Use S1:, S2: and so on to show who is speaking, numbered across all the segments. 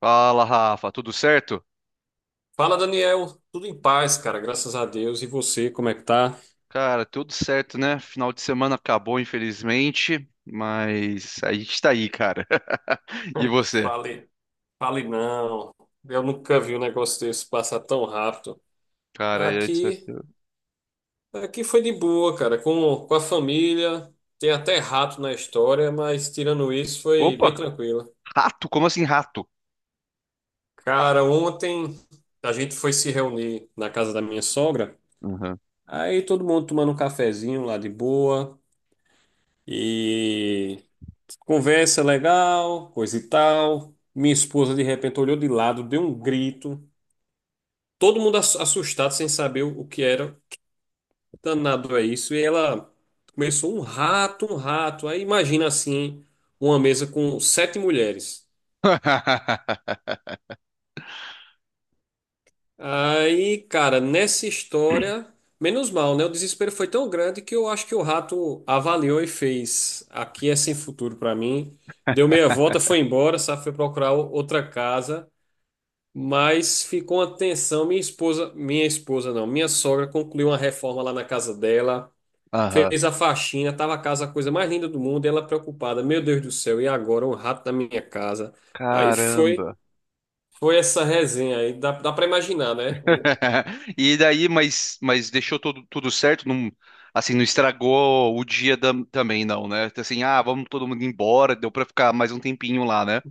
S1: Fala, Rafa, tudo certo?
S2: Fala, Daniel. Tudo em paz, cara. Graças a Deus. E você, como é que tá?
S1: Cara, tudo certo, né? Final de semana acabou, infelizmente, mas a gente tá aí, cara. E você?
S2: Fale, fale não. Eu nunca vi um negócio desse passar tão rápido.
S1: Cara, é isso
S2: Aqui,
S1: aqui.
S2: aqui foi de boa, cara. Com a família. Tem até rato na história, mas tirando isso, foi bem
S1: Opa,
S2: tranquilo.
S1: rato? Como assim rato?
S2: Cara, ontem a gente foi se reunir na casa da minha sogra.
S1: Uhum.
S2: Aí todo mundo tomando um cafezinho lá de boa. E Conversa legal, coisa e tal. Minha esposa de repente olhou de lado, deu um grito. Todo mundo assustado, sem saber o que era. Danado é isso. E ela começou um rato, um rato. Aí imagina assim, uma mesa com 7 mulheres. Aí, cara, nessa história, menos mal, né? O desespero foi tão grande que eu acho que o rato avaliou e fez: aqui é sem futuro pra mim. Deu meia volta, foi embora, sabe? Foi procurar outra casa. Mas ficou uma tensão. Minha esposa não, minha sogra concluiu uma reforma lá na casa dela,
S1: Aham.
S2: fez a faxina, tava a casa a coisa mais linda do mundo, e ela preocupada, meu Deus do céu, e agora um rato na minha casa. Aí foi,
S1: Caramba.
S2: foi essa resenha aí, dá para imaginar, né? O-
S1: E daí, mas deixou tudo, tudo certo? Não, assim, não estragou o também, não, né? Assim, ah, vamos todo mundo embora, deu pra ficar mais um tempinho lá, né?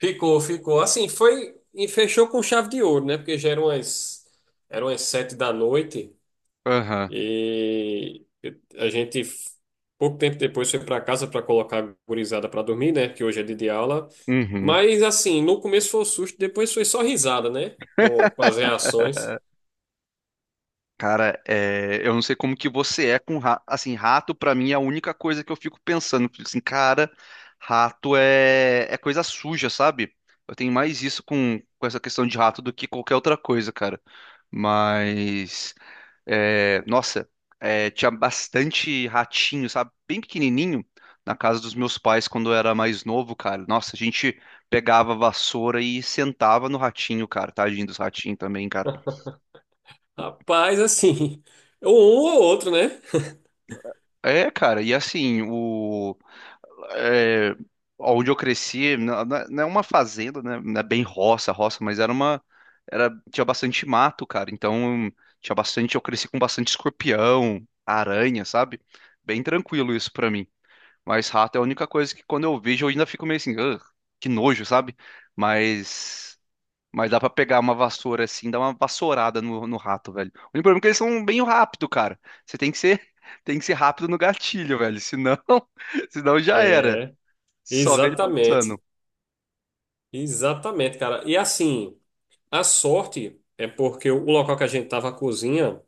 S2: Ficou, ficou. Assim, foi e fechou com chave de ouro, né? Porque já eram as 7 da noite.
S1: Aham.
S2: E a gente, pouco tempo depois, foi para casa para colocar a gurizada para dormir, né? Que hoje é dia de aula.
S1: Uhum.
S2: Mas, assim, no começo foi um susto, depois foi só risada, né? Com as reações.
S1: Cara, é, eu não sei como que você é com rato. Assim, rato pra mim é a única coisa que eu fico pensando. Fico assim, cara, rato é coisa suja, sabe? Eu tenho mais isso com essa questão de rato do que qualquer outra coisa, cara. Mas, é, nossa, é, tinha bastante ratinho, sabe? Bem pequenininho na casa dos meus pais quando eu era mais novo, cara. Nossa, a gente pegava a vassoura e sentava no ratinho, cara. Tadinho dos ratinhos também, cara.
S2: Rapaz, assim, um ou outro, né?
S1: É, cara, e assim, o. É, onde eu cresci, não é uma fazenda, né? Não é bem roça, roça, mas era uma. Era, tinha bastante mato, cara. Então, tinha bastante. Eu cresci com bastante escorpião, aranha, sabe? Bem tranquilo isso pra mim. Mas rato é a única coisa que quando eu vejo eu ainda fico meio assim, "Ugh, que nojo, sabe? Mas. Mas dá pra pegar uma vassoura assim, dar uma vassourada no rato, velho. O único problema é que eles são bem rápido, cara. Você tem que ser, tem que ser rápido no gatilho, velho. Senão, senão já era.
S2: É,
S1: Só vê ele
S2: exatamente.
S1: passando.
S2: Exatamente, cara. E, assim, a sorte é porque o local que a gente tava, a cozinha,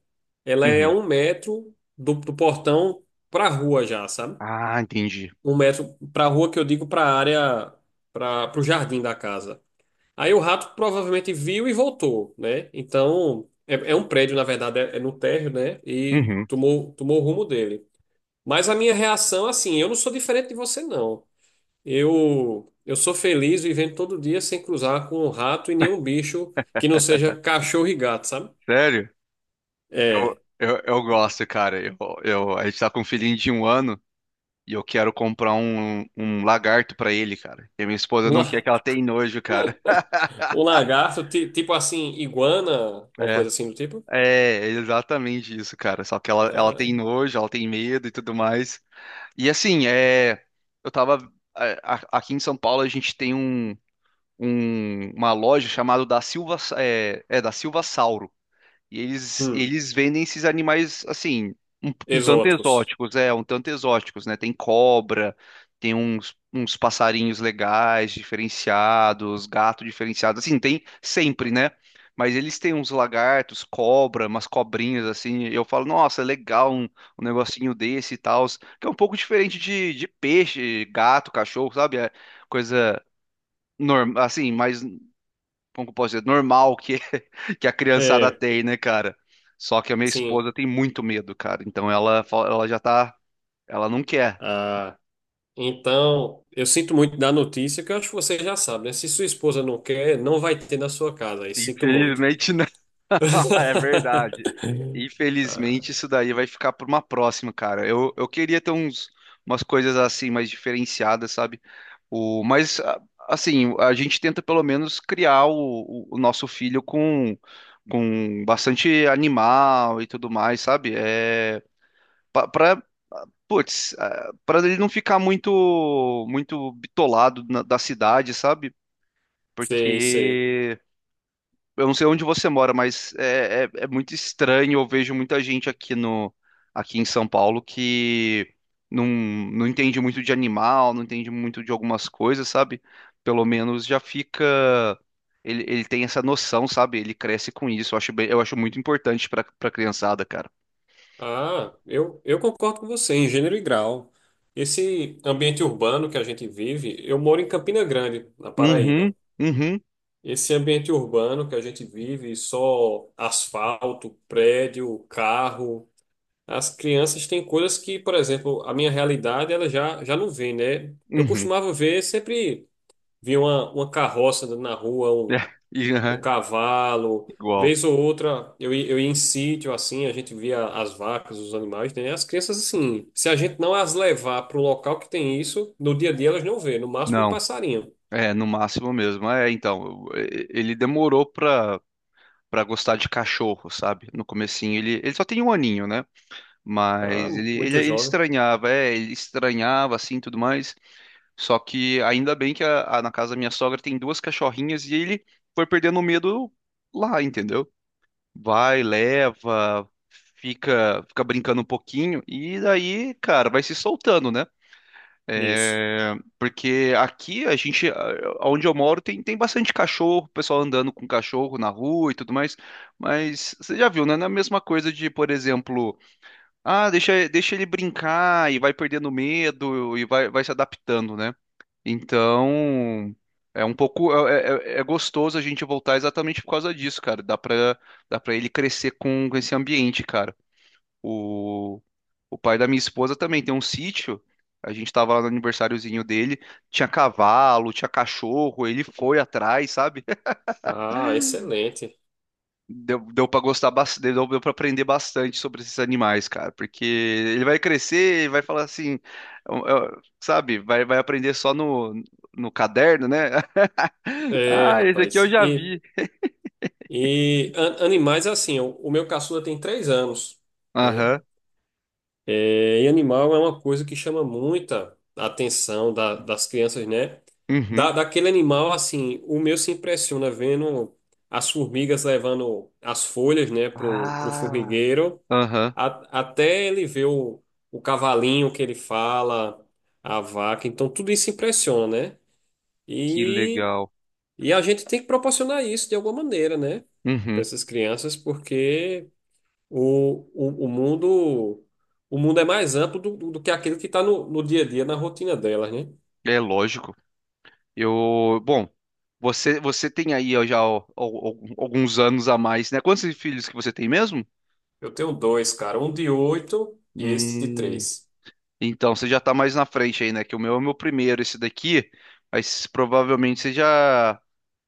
S2: ela é a
S1: Uhum.
S2: 1 metro do portão pra rua já, sabe?
S1: Ah, entendi.
S2: 1 metro para a rua que eu digo, para a área, para o jardim da casa. Aí o rato provavelmente viu e voltou, né? Então, é um prédio, na verdade, é no térreo, né? E
S1: Uhum.
S2: tomou o rumo dele. Mas a minha reação, assim, eu não sou diferente de você, não. Eu sou feliz vivendo todo dia sem cruzar com um rato e nenhum bicho que não seja cachorro e gato, sabe?
S1: Sério? Eu,
S2: É.
S1: eu, eu gosto, cara. A gente tá com um filhinho de um ano e eu quero comprar um lagarto pra ele, cara. E a minha esposa
S2: Um,
S1: não quer
S2: la-
S1: que ela tem nojo, cara.
S2: um lagarto, tipo assim, iguana, uma
S1: É,
S2: coisa assim do tipo.
S1: é é exatamente isso, cara. Só que ela
S2: Ah,
S1: tem nojo, ela tem medo e tudo mais. E assim, é, eu tava. Aqui em São Paulo a gente tem uma loja chamada da Silva, é, é, da Silva e eles,
S2: hum,
S1: eles vendem esses animais, assim, um tanto
S2: exóticos.
S1: exóticos, é, um tanto exóticos, né? Tem cobra, tem uns, uns passarinhos legais, diferenciados, gato diferenciado, assim, tem sempre, né? Mas eles têm uns lagartos, cobra, umas cobrinhas, assim, eu falo, nossa, é legal um negocinho desse e tal, que é um pouco diferente de peixe, gato, cachorro, sabe? É coisa normal, assim, mais como que eu posso dizer, normal que, que a criançada
S2: É,
S1: tem, né, cara? Só que a minha
S2: sim.
S1: esposa tem muito medo, cara. Então ela já tá. Ela não quer.
S2: Ah, então, eu sinto muito da notícia, que eu acho que você já sabe, né? Se sua esposa não quer, não vai ter na sua casa. E sinto muito.
S1: Infelizmente, não. É verdade.
S2: Ah,
S1: Infelizmente, isso daí vai ficar para uma próxima, cara. Eu queria ter uns, umas coisas assim mais diferenciadas, sabe? O, mas, assim, a gente tenta pelo menos criar o nosso filho com bastante animal e tudo mais, sabe? É, para Putz, para ele não ficar muito muito bitolado da cidade, sabe?
S2: sei, sei.
S1: Porque eu não sei onde você mora, mas é muito estranho. Eu vejo muita gente aqui no aqui em São Paulo que não, não entende muito de animal, não entende muito de algumas coisas, sabe? Pelo menos já fica ele tem essa noção, sabe? Ele cresce com isso. Eu acho muito importante para para criançada, cara.
S2: Ah, eu concordo com você, em gênero e grau. Esse ambiente urbano que a gente vive, eu moro em Campina Grande, na
S1: Uhum,
S2: Paraíba.
S1: uhum,
S2: Esse ambiente urbano que a gente vive, só asfalto, prédio, carro. As crianças têm coisas que, por exemplo, a minha realidade ela já não vê, né? Eu
S1: uhum.
S2: costumava ver, sempre via uma carroça andando na rua,
S1: É,
S2: um,
S1: e,
S2: um
S1: aham,
S2: cavalo,
S1: igual.
S2: vez ou outra eu ia em sítio assim, a gente via as vacas, os animais, né? As crianças, assim, se a gente não as levar para um local que tem isso, no dia a dia elas não vê, no máximo um
S1: Não,
S2: passarinho.
S1: é no máximo mesmo. É, então, ele demorou pra, pra gostar de cachorro, sabe? No comecinho ele só tem um aninho, né?
S2: Ah,
S1: Mas ele, ele,
S2: muito
S1: ele
S2: jovem.
S1: estranhava, é, ele estranhava assim, e tudo mais. Só que ainda bem que na casa da minha sogra tem duas cachorrinhas e ele foi perdendo o medo lá, entendeu? Vai, leva, fica, fica brincando um pouquinho e daí, cara, vai se soltando, né?
S2: Isso.
S1: É, porque aqui onde eu moro, tem, tem bastante cachorro, o pessoal andando com cachorro na rua e tudo mais. Mas você já viu, né? Não é a mesma coisa de, por exemplo, ah, deixa, deixa ele brincar e vai perdendo medo e vai, vai se adaptando, né? Então, é um pouco, é, é gostoso a gente voltar exatamente por causa disso, cara. Dá pra ele crescer com esse ambiente, cara. O, o pai da minha esposa também tem um sítio. A gente tava lá no aniversáriozinho dele, tinha cavalo, tinha cachorro, ele foi atrás, sabe?
S2: Ah, excelente.
S1: Deu, deu para gostar bastante, deu, deu para aprender bastante sobre esses animais, cara, porque ele vai crescer, ele vai falar assim, sabe? Vai, vai aprender só no caderno, né?
S2: É,
S1: Ah, esse aqui eu
S2: rapaz.
S1: já
S2: E.
S1: vi.
S2: E an- animais, assim, o meu caçula tem 3 anos, né?
S1: Aham,
S2: É, e animal é uma coisa que chama muita atenção das crianças, né?
S1: uhum.
S2: Daquele animal, assim, o meu se impressiona vendo as formigas levando as folhas, né, pro
S1: Ah,
S2: formigueiro,
S1: aham,
S2: até ele ver o cavalinho que ele fala, a vaca, então tudo isso impressiona, né?
S1: que
S2: e
S1: legal.
S2: e a gente tem que proporcionar isso de alguma maneira, né? Para
S1: Uhum.
S2: essas crianças, porque o mundo, o mundo é mais amplo do que aquilo que está no dia a dia, na rotina delas, né?
S1: É lógico. Eu, bom, você tem aí ó, já ó, alguns anos a mais, né? Quantos filhos que você tem mesmo?
S2: Eu tenho 2, cara, um de 8 e esse de
S1: Hum,
S2: 3.
S1: Então, você já tá mais na frente aí, né? Que o meu é o meu primeiro, esse daqui. Mas provavelmente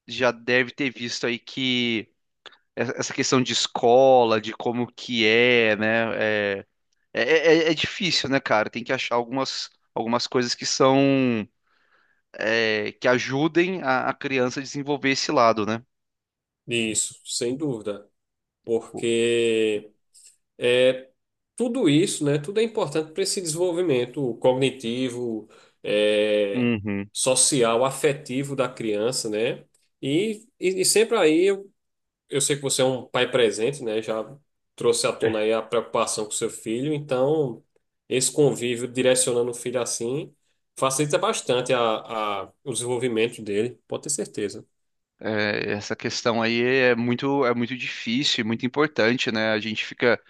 S1: já deve ter visto aí que essa questão de escola, de como que é, né? É, é, é difícil, né, cara? Tem que achar algumas, algumas coisas que são, é, que ajudem a criança a desenvolver esse lado, né?
S2: Isso, sem dúvida. Porque é tudo isso, né? Tudo é importante para esse desenvolvimento cognitivo, é,
S1: Uhum.
S2: social, afetivo da criança, né? E sempre aí eu sei que você é um pai presente, né? Já trouxe à tona aí a preocupação com seu filho, então esse convívio direcionando o filho assim facilita bastante o desenvolvimento dele, pode ter certeza.
S1: É, essa questão aí é muito difícil, e muito importante, né? A gente fica.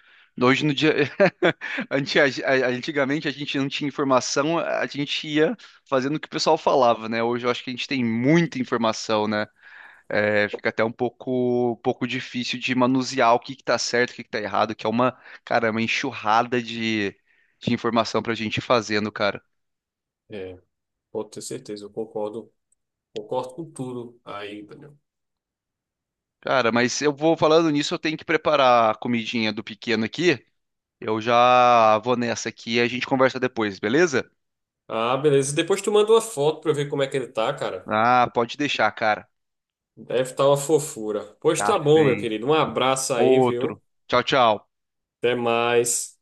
S1: Hoje no dia. Antigamente a gente não tinha informação, a gente ia fazendo o que o pessoal falava, né? Hoje eu acho que a gente tem muita informação, né? É, fica até um pouco difícil de manusear o que que tá certo, o que que tá errado, que é uma, cara, uma enxurrada de informação pra gente ir fazendo, cara.
S2: É, pode ter certeza, eu concordo com tudo aí, Daniel.
S1: Cara, mas eu vou falando nisso, eu tenho que preparar a comidinha do pequeno aqui. Eu já vou nessa aqui e a gente conversa depois, beleza?
S2: Ah, beleza. Depois tu manda uma foto pra eu ver como é que ele tá, cara.
S1: Ah, pode deixar, cara.
S2: Deve estar uma fofura. Pois tá bom, meu
S1: Cacei.
S2: querido. Um abraço aí,
S1: Outro.
S2: viu?
S1: Tchau, tchau.
S2: Até mais.